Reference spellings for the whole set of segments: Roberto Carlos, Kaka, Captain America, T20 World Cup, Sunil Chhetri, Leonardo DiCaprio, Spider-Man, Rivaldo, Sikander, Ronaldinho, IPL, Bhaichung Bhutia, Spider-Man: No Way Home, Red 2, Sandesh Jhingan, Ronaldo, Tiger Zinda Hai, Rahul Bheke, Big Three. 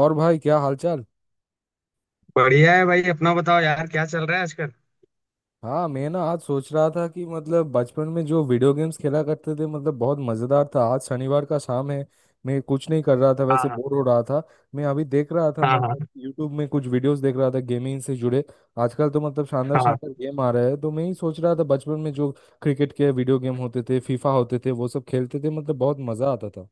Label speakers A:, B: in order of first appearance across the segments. A: और भाई क्या हालचाल।
B: बढ़िया है भाई। अपना बताओ यार, क्या चल रहा है आजकल?
A: हाँ मैं ना आज सोच रहा था कि मतलब बचपन में जो वीडियो गेम्स खेला करते थे मतलब बहुत मजेदार था। आज शनिवार का शाम है। मैं कुछ नहीं कर रहा था,
B: हाँ
A: वैसे
B: हाँ।
A: बोर हो रहा था। मैं अभी देख रहा था
B: हाँ
A: मतलब
B: हाँ।
A: यूट्यूब में कुछ वीडियोस देख रहा था गेमिंग से जुड़े। आजकल तो मतलब शानदार
B: हाँ
A: शानदार गेम आ रहे हैं तो मैं ही सोच रहा था बचपन में जो क्रिकेट के वीडियो गेम होते थे फीफा होते थे वो सब खेलते थे मतलब बहुत मजा आता था।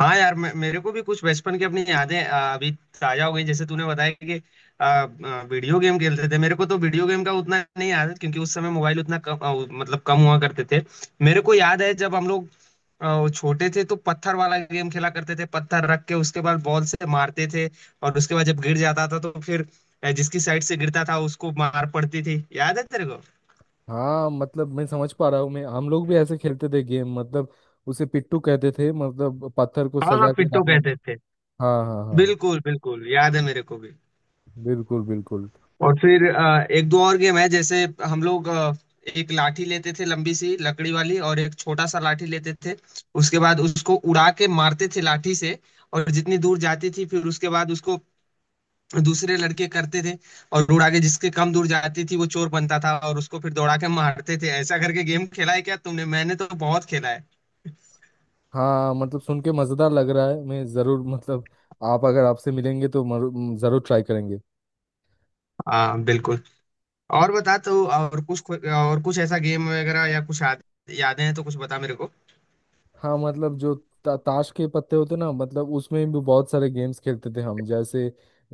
B: हाँ। यार, मेरे को भी कुछ बचपन की अपनी यादें अभी ताजा हो गई। जैसे तूने बताया कि वीडियो गेम खेलते थे। मेरे को तो वीडियो गेम का उतना नहीं याद है, क्योंकि उस समय मोबाइल उतना कम मतलब कम हुआ करते थे। मेरे को याद है जब हम लोग छोटे थे तो पत्थर वाला गेम खेला करते थे। पत्थर रख के उसके बाद बॉल से मारते थे। और उसके बाद जब गिर जाता था तो फिर जिसकी साइड से गिरता था उसको मार पड़ती थी। याद है तेरे को?
A: हाँ मतलब मैं समझ पा रहा हूँ। मैं हम लोग भी ऐसे खेलते थे गेम मतलब उसे पिट्टू कहते थे मतलब पत्थर को
B: हाँ हाँ,
A: सजा के
B: पिट्टो
A: रखना।
B: कहते थे।
A: हाँ हाँ हाँ।
B: बिल्कुल बिल्कुल, याद है मेरे को भी।
A: बिल्कुल बिल्कुल।
B: और फिर एक दो और गेम है, जैसे हम लोग एक लाठी लेते थे, लंबी सी लकड़ी वाली, और एक छोटा सा लाठी लेते थे। उसके बाद उसको उड़ा के मारते थे लाठी से। और जितनी दूर जाती थी, फिर उसके बाद उसको दूसरे लड़के करते थे। और उड़ा के जिसके कम दूर जाती थी वो चोर बनता था, और उसको फिर दौड़ा के मारते थे। ऐसा करके गेम खेला है क्या तुमने? मैंने तो बहुत खेला है।
A: हाँ मतलब सुन के मज़ेदार लग रहा है। मैं ज़रूर मतलब आप अगर आपसे मिलेंगे तो ज़रूर ट्राई करेंगे।
B: हाँ बिल्कुल। और बता तो, और कुछ ऐसा गेम वगैरह या कुछ यादें हैं तो कुछ बता मेरे को।
A: हाँ मतलब जो ताश के पत्ते होते ना मतलब उसमें भी बहुत सारे गेम्स खेलते थे हम। जैसे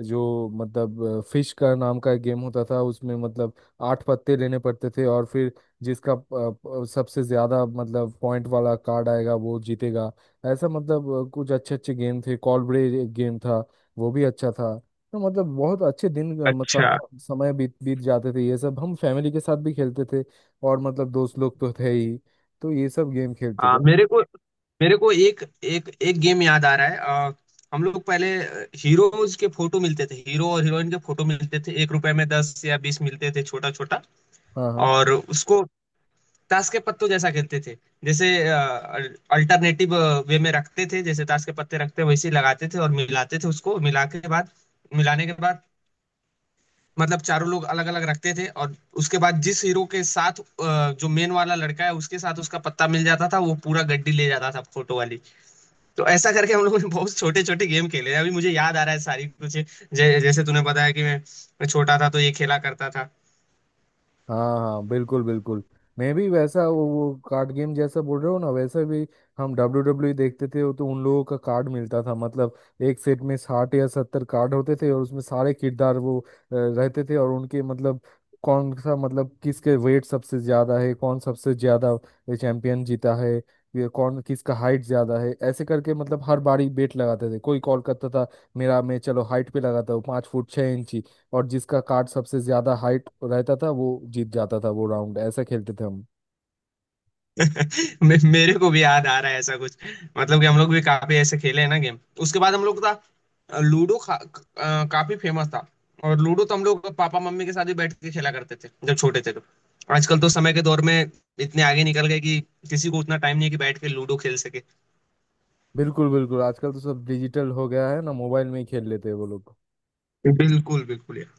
A: जो मतलब फिश का नाम का एक गेम होता था उसमें मतलब आठ पत्ते लेने पड़ते थे और फिर जिसका प- सबसे ज्यादा मतलब पॉइंट वाला कार्ड आएगा वो जीतेगा। ऐसा मतलब कुछ अच्छे अच्छे गेम थे। कॉलब्रेज एक गेम था, वो भी अच्छा था। तो मतलब बहुत अच्छे दिन मतलब
B: अच्छा।
A: समय बीत बीत जाते थे, ये सब हम फैमिली के साथ भी खेलते थे और मतलब दोस्त लोग तो थे ही, तो ये सब गेम खेलते
B: आ,
A: थे।
B: मेरे को मेरे को एक एक एक गेम याद आ रहा है। हम लोग पहले हीरोज के फोटो मिलते थे, हीरो और हीरोइन के फोटो मिलते थे। 1 रुपए में 10 या 20 मिलते थे, छोटा छोटा।
A: हाँ हाँ
B: और उसको ताश के पत्तों जैसा खेलते थे, जैसे अल्टरनेटिव वे में रखते थे, जैसे ताश के पत्ते रखते वैसे ही लगाते थे और मिलाते थे। उसको मिलाने के बाद मतलब चारों लोग अलग अलग रखते थे, और उसके बाद जिस हीरो के साथ जो मेन वाला लड़का है, उसके साथ उसका पत्ता मिल जाता था, वो पूरा गड्डी ले जाता था फोटो वाली। तो ऐसा करके हम लोगों ने बहुत छोटे छोटे गेम खेले हैं। अभी मुझे याद आ रहा है सारी कुछ। जैसे तूने बताया कि मैं छोटा था तो ये खेला करता था।
A: हाँ। हाँ बिल्कुल बिल्कुल। मैं भी वैसा वो कार्ड गेम जैसा बोल रहे हो ना वैसा भी। हम WW देखते थे तो उन लोगों का कार्ड मिलता था मतलब एक सेट में 60 या 70 कार्ड होते थे और उसमें सारे किरदार रहते थे और उनके मतलब कौन सा मतलब किसके वेट सबसे ज्यादा है, कौन सबसे ज्यादा चैंपियन जीता है, ये कौन किसका हाइट ज्यादा है, ऐसे करके मतलब हर बारी बेट लगाते थे। कोई कॉल करता था मेरा, मैं चलो हाइट पे लगाता हूँ 5 फुट 6 इंची। और जिसका कार्ड सबसे ज्यादा हाइट रहता था वो जीत जाता था वो राउंड, ऐसा खेलते थे हम।
B: मेरे को भी याद आ रहा है ऐसा कुछ। मतलब कि हम लोग भी काफी ऐसे खेले हैं ना गेम। उसके बाद हम लोग का लूडो काफी फेमस था। और लूडो तो हम लोग पापा मम्मी के साथ भी बैठ के खेला करते थे जब छोटे थे तो। आजकल तो समय के दौर में इतने आगे निकल गए कि किसी को उतना टाइम नहीं है कि बैठ के लूडो खेल सके।
A: बिल्कुल बिल्कुल। आजकल तो सब डिजिटल हो गया है ना, मोबाइल में ही खेल लेते हैं वो लोग।
B: बिल्कुल बिल्कुल यार।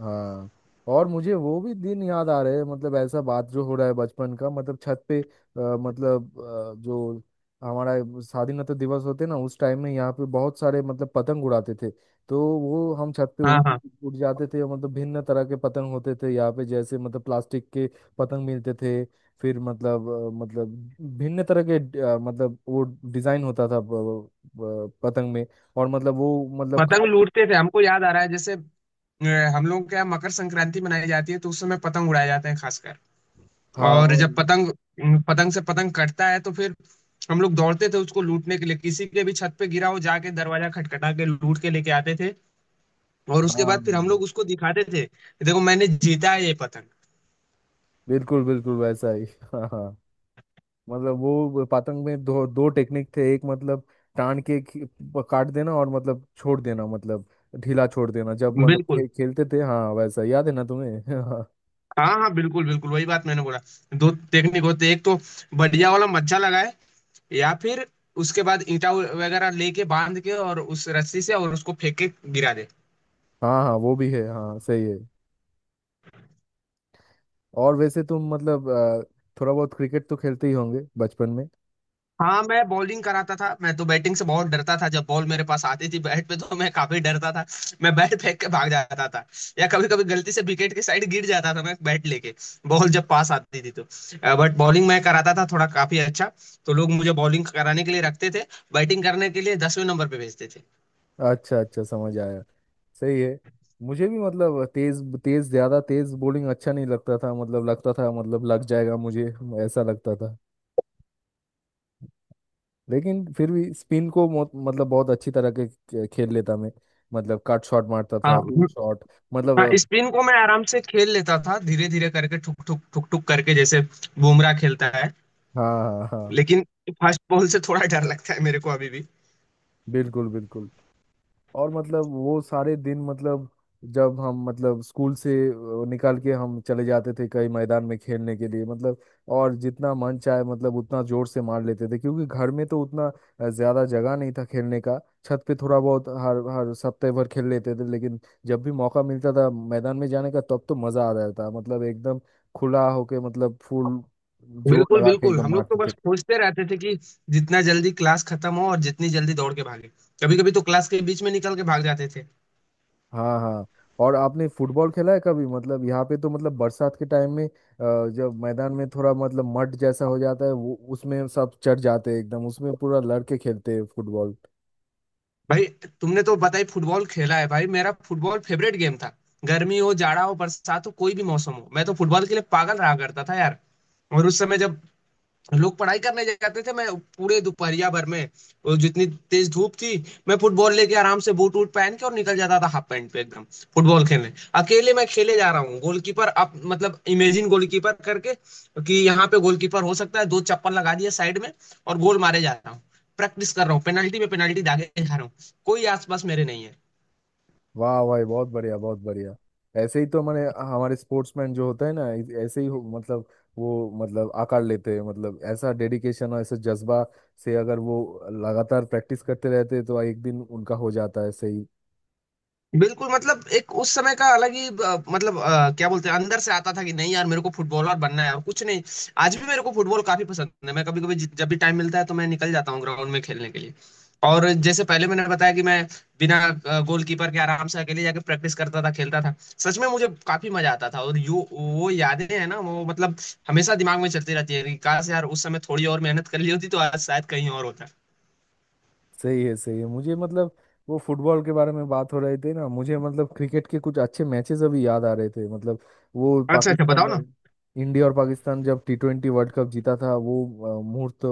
A: हाँ। और मुझे वो भी दिन याद आ रहे हैं मतलब ऐसा बात जो हो रहा है बचपन का मतलब छत पे मतलब जो हमारा स्वाधीनता दिवस होते ना उस टाइम में यहाँ पे बहुत सारे मतलब पतंग उड़ाते थे। तो वो हम छत पे
B: हाँ हाँ,
A: उड़ जाते थे मतलब भिन्न तरह के पतंग होते थे यहाँ पे जैसे मतलब प्लास्टिक के पतंग मिलते थे। फिर मतलब मतलब भिन्न तरह के मतलब वो डिजाइन होता था पतंग में और मतलब वो मतलब
B: पतंग
A: काट।
B: लूटते थे, हमको याद आ रहा है। जैसे हम लोग, क्या मकर संक्रांति मनाई जाती है तो उस समय पतंग उड़ाए जाते हैं खासकर।
A: हाँ
B: और
A: और
B: जब पतंग, पतंग से पतंग कटता है तो फिर हम लोग दौड़ते थे उसको लूटने के लिए, किसी के भी छत पे गिरा हो, जाके दरवाजा खटखटा के लूट के लेके आते थे। और उसके बाद
A: हाँ
B: फिर हम लोग उसको दिखाते थे, देखो मैंने जीता है ये पतंग।
A: बिल्कुल बिल्कुल वैसा ही हाँ हाँ। मतलब वो पतंग में दो दो टेक्निक थे, एक मतलब टान के खी- प- काट देना और मतलब छोड़ देना मतलब ढीला छोड़ देना जब मतलब
B: बिल्कुल।
A: खेलते थे। हाँ हाँ, वैसा याद है ना तुम्हें? हाँ।
B: हाँ हाँ बिल्कुल बिल्कुल, वही बात मैंने बोला। दो टेक्निक होते, एक तो बढ़िया वाला मज्जा लगाए, या फिर उसके बाद ईंटा वगैरह लेके बांध के और उस रस्सी से और उसको फेंक के गिरा दे।
A: हाँ हाँ वो भी है, हाँ सही है। और वैसे तुम मतलब थोड़ा बहुत क्रिकेट तो खेलते ही होंगे बचपन में।
B: हाँ, मैं बॉलिंग कराता था। मैं तो बैटिंग से बहुत डरता था, जब बॉल मेरे पास आती थी बैट पे तो मैं काफी डरता था। मैं बैट फेंक के भाग जाता था, या कभी कभी गलती से विकेट के साइड गिर जाता था मैं बैट लेके, बॉल जब पास आती थी तो। बट बॉलिंग मैं कराता था थोड़ा काफी अच्छा, तो लोग मुझे बॉलिंग कराने के लिए रखते थे, बैटिंग करने के लिए 10वें नंबर पे भेजते थे।
A: अच्छा अच्छा समझ आया। सही है। मुझे भी मतलब तेज तेज ज्यादा तेज बॉलिंग अच्छा नहीं लगता था मतलब लगता था मतलब लग जाएगा मुझे, ऐसा लगता था। लेकिन फिर भी स्पिन को मतलब बहुत अच्छी तरह के खेल लेता मैं। मतलब कट शॉट मारता था, पिन
B: हाँ
A: शॉट
B: हाँ,
A: मतलब।
B: स्पिन को मैं आराम से खेल लेता था, धीरे धीरे करके, ठुक ठुक ठुक ठुक करके, जैसे बुमराह खेलता है।
A: हाँ हाँ हाँ
B: लेकिन फर्स्ट बॉल से थोड़ा डर लगता है मेरे को अभी भी।
A: बिल्कुल बिल्कुल। और मतलब वो सारे दिन मतलब जब हम मतलब स्कूल से निकाल के हम चले जाते थे कई मैदान में खेलने के लिए मतलब। और जितना मन चाहे मतलब उतना जोर से मार लेते थे क्योंकि घर में तो उतना ज्यादा जगह नहीं था खेलने का। छत पे थोड़ा बहुत हर हर सप्ताह भर खेल लेते थे लेकिन जब भी मौका मिलता था मैदान में जाने का तब तो मजा आ जाता था मतलब एकदम खुला होके मतलब फुल जोर
B: बिल्कुल
A: लगा के
B: बिल्कुल,
A: एकदम
B: हम लोग तो
A: मारते
B: बस
A: थे।
B: सोचते रहते थे कि जितना जल्दी क्लास खत्म हो और जितनी जल्दी दौड़ के भागे। कभी कभी तो क्लास के बीच में निकल के भाग जाते थे।
A: हाँ हाँ। और आपने फुटबॉल खेला है कभी मतलब यहाँ पे तो मतलब बरसात के टाइम में जब मैदान में थोड़ा मतलब मड जैसा हो जाता है वो, उसमें सब चढ़ जाते हैं एकदम, उसमें पूरा लड़के खेलते हैं फुटबॉल।
B: भाई, तुमने तो बताई, फुटबॉल खेला है भाई, मेरा फुटबॉल फेवरेट गेम था। गर्मी हो, जाड़ा हो, बरसात हो, कोई भी मौसम हो, मैं तो फुटबॉल के लिए पागल रहा करता था यार। और उस समय जब लोग पढ़ाई करने जाते थे, मैं पूरे दोपहरिया भर में, और जितनी तेज धूप थी, मैं फुटबॉल लेके आराम से बूट वूट पहन के और निकल जाता था हाफ पैंट पे एकदम, फुटबॉल खेलने। अकेले मैं खेले जा रहा हूँ, गोलकीपर आप मतलब इमेजिन गोलकीपर करके, कि यहाँ पे गोलकीपर हो सकता है, दो चप्पल लगा दिया साइड में। और गोल मारे जा रहा हूँ, प्रैक्टिस कर रहा हूँ, पेनल्टी में पेनल्टी दागे जा रहा हूँ, कोई आसपास मेरे नहीं है।
A: वाह भाई बहुत बढ़िया बहुत बढ़िया। ऐसे ही तो मैंने हमारे स्पोर्ट्समैन जो होते हैं ना ऐसे ही मतलब वो मतलब आकार लेते हैं मतलब ऐसा डेडिकेशन और ऐसा जज्बा से अगर वो लगातार प्रैक्टिस करते रहते हैं, तो एक दिन उनका हो जाता है सही।
B: बिल्कुल मतलब, एक उस समय का अलग ही मतलब क्या बोलते हैं, अंदर से आता था कि नहीं यार, मेरे को फुटबॉलर बनना है और कुछ नहीं। आज भी मेरे को फुटबॉल काफी पसंद है, मैं कभी कभी जब भी टाइम मिलता है तो मैं निकल जाता हूँ ग्राउंड में खेलने के लिए। और जैसे पहले मैंने बताया कि मैं बिना गोलकीपर के आराम से अकेले जाके प्रैक्टिस करता था, खेलता था। सच में मुझे काफी मजा आता था और यू वो यादें हैं ना, वो मतलब हमेशा दिमाग में चलती रहती है कि काश यार उस समय थोड़ी और मेहनत कर ली होती तो आज शायद कहीं और होता।
A: सही है मुझे मतलब वो फुटबॉल के बारे में बात हो रही थी ना, मुझे मतलब क्रिकेट के कुछ अच्छे मैचेस अभी याद आ रहे थे मतलब। वो
B: अच्छा अच्छा, बताओ
A: पाकिस्तान
B: ना।
A: और- इंडिया और पाकिस्तान जब T20 वर्ल्ड कप जीता था वो मुहूर्त,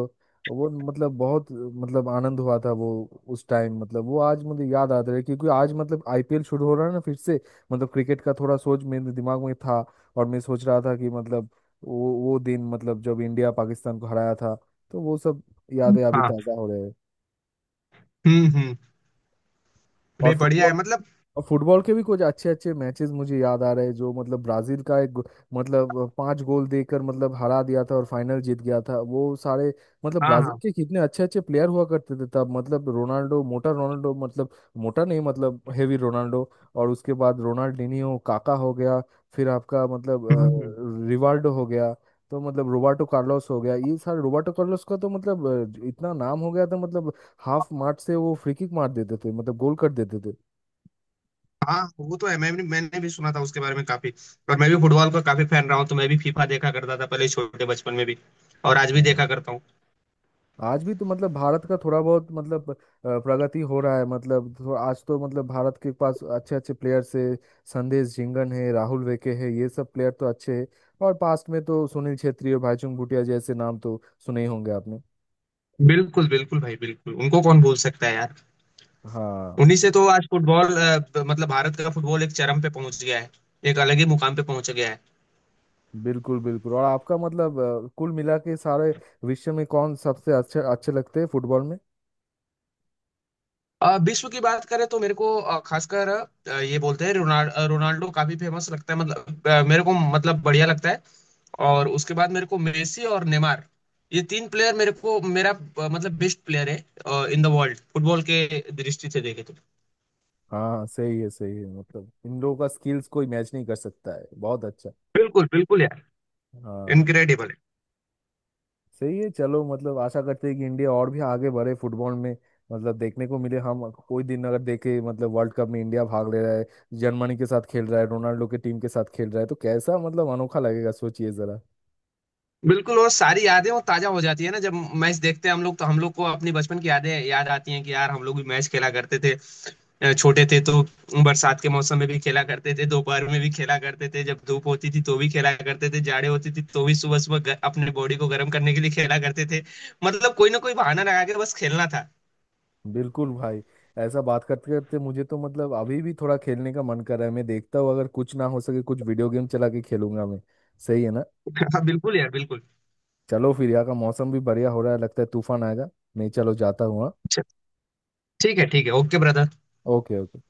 A: वो मतलब बहुत मतलब आनंद हुआ था वो। उस टाइम मतलब वो आज मुझे याद आता है क्योंकि आज मतलब IPL शुरू हो रहा है ना फिर से, मतलब क्रिकेट का थोड़ा सोच मेरे दिमाग में था। और मैं सोच रहा था कि मतलब वो दिन मतलब जब इंडिया पाकिस्तान को हराया था तो वो सब यादें अभी
B: हाँ।
A: ताज़ा हो रहे हैं।
B: हम्म।
A: और
B: नहीं, बढ़िया है
A: फुटबॉल
B: मतलब।
A: और फुटबॉल के भी कुछ अच्छे अच्छे मैचेस मुझे याद आ रहे हैं जो मतलब ब्राजील का एक गो- मतलब पांच गोल देकर मतलब हरा दिया था और फाइनल जीत गया था वो सारे। मतलब
B: हाँ
A: ब्राजील
B: हाँ।
A: के कितने अच्छे अच्छे प्लेयर हुआ करते थे तब मतलब रोनाल्डो, मोटा रोनाल्डो मतलब मोटा नहीं मतलब हेवी रोनाल्डो। और उसके बाद रोनाल्डिनियो काका हो गया, फिर आपका मतलब
B: हम्म हम्म।
A: रिवाल्डो हो गया। तो मतलब रोबर्टो कार्लोस हो गया। ये सारे रोबर्टो कार्लोस का तो मतलब इतना नाम हो गया था मतलब हाफ मार्ट से वो फ्री किक मार देते थे मतलब गोल कर देते थे।
B: हाँ, वो तो है। मैंने भी सुना था उसके बारे में काफी, और मैं भी फुटबॉल का काफी फैन रहा हूँ, तो मैं भी फीफा देखा करता था पहले छोटे बचपन में भी, और आज भी देखा
A: हाँ।
B: करता हूँ।
A: आज भी तो मतलब भारत का थोड़ा बहुत मतलब प्रगति हो रहा है मतलब थोड़ा आज तो मतलब भारत के पास अच्छे अच्छे प्लेयर्स है। संदेश झिंगन है, राहुल वेके है, ये सब प्लेयर तो अच्छे हैं। और पास्ट में तो सुनील छेत्री और भाईचुंग भूटिया जैसे नाम तो सुने ही होंगे आपने।
B: बिल्कुल बिल्कुल भाई, बिल्कुल, उनको कौन भूल सकता है यार।
A: हाँ
B: उन्हीं से तो आज फुटबॉल मतलब भारत का फुटबॉल एक चरम पे पहुंच गया है, एक अलग ही मुकाम पे पहुंच गया है।
A: बिल्कुल बिल्कुल। और आपका मतलब कुल मिला के सारे विश्व में कौन सबसे अच्छे अच्छे लगते हैं फुटबॉल में?
B: विश्व की बात करें तो मेरे को खासकर ये बोलते हैं रोनाल्डो काफी फेमस लगता है, मतलब मेरे को मतलब बढ़िया लगता है। और उसके बाद मेरे को मेसी और नेमार, ये तीन प्लेयर मेरे को, मेरा मतलब बेस्ट प्लेयर है इन द वर्ल्ड, फुटबॉल के दृष्टि से देखे तो।
A: हाँ सही है मतलब इन लोगों का स्किल्स कोई मैच नहीं कर सकता है, बहुत अच्छा।
B: बिल्कुल बिल्कुल यार।
A: हाँ
B: इनक्रेडिबल है।
A: सही है चलो मतलब आशा करते हैं कि इंडिया और भी आगे बढ़े फुटबॉल में, मतलब देखने को मिले। हम कोई दिन अगर देखे मतलब वर्ल्ड कप में इंडिया भाग ले रहा है, जर्मनी के साथ खेल रहा है, रोनाल्डो के टीम के साथ खेल रहा है तो कैसा मतलब अनोखा लगेगा, सोचिए जरा।
B: बिल्कुल, वो सारी यादें वो ताजा हो जाती है ना जब मैच देखते हैं हम लोग, तो हम लोग को अपनी बचपन की यादें याद आती हैं कि यार हम लोग भी मैच खेला करते थे छोटे थे तो, बरसात के मौसम में भी खेला करते थे, दोपहर में भी खेला करते थे, जब धूप होती थी तो भी खेला करते थे, जाड़े होती थी तो भी सुबह सुबह अपने बॉडी को गर्म करने के लिए खेला करते थे। मतलब कोई ना कोई बहाना लगा के बस खेलना था।
A: बिल्कुल भाई। ऐसा बात करते करते मुझे तो मतलब अभी भी थोड़ा खेलने का मन कर रहा है। मैं देखता हूँ अगर कुछ ना हो सके कुछ वीडियो गेम चला के खेलूंगा मैं, सही है ना?
B: हाँ बिल्कुल यार, बिल्कुल।
A: चलो फिर यहाँ का मौसम भी बढ़िया हो रहा है, लगता है तूफान आएगा। मैं चलो जाता हूँ हाँ।
B: अच्छा, ठीक है ठीक है, ओके ब्रदर।
A: Okay okay.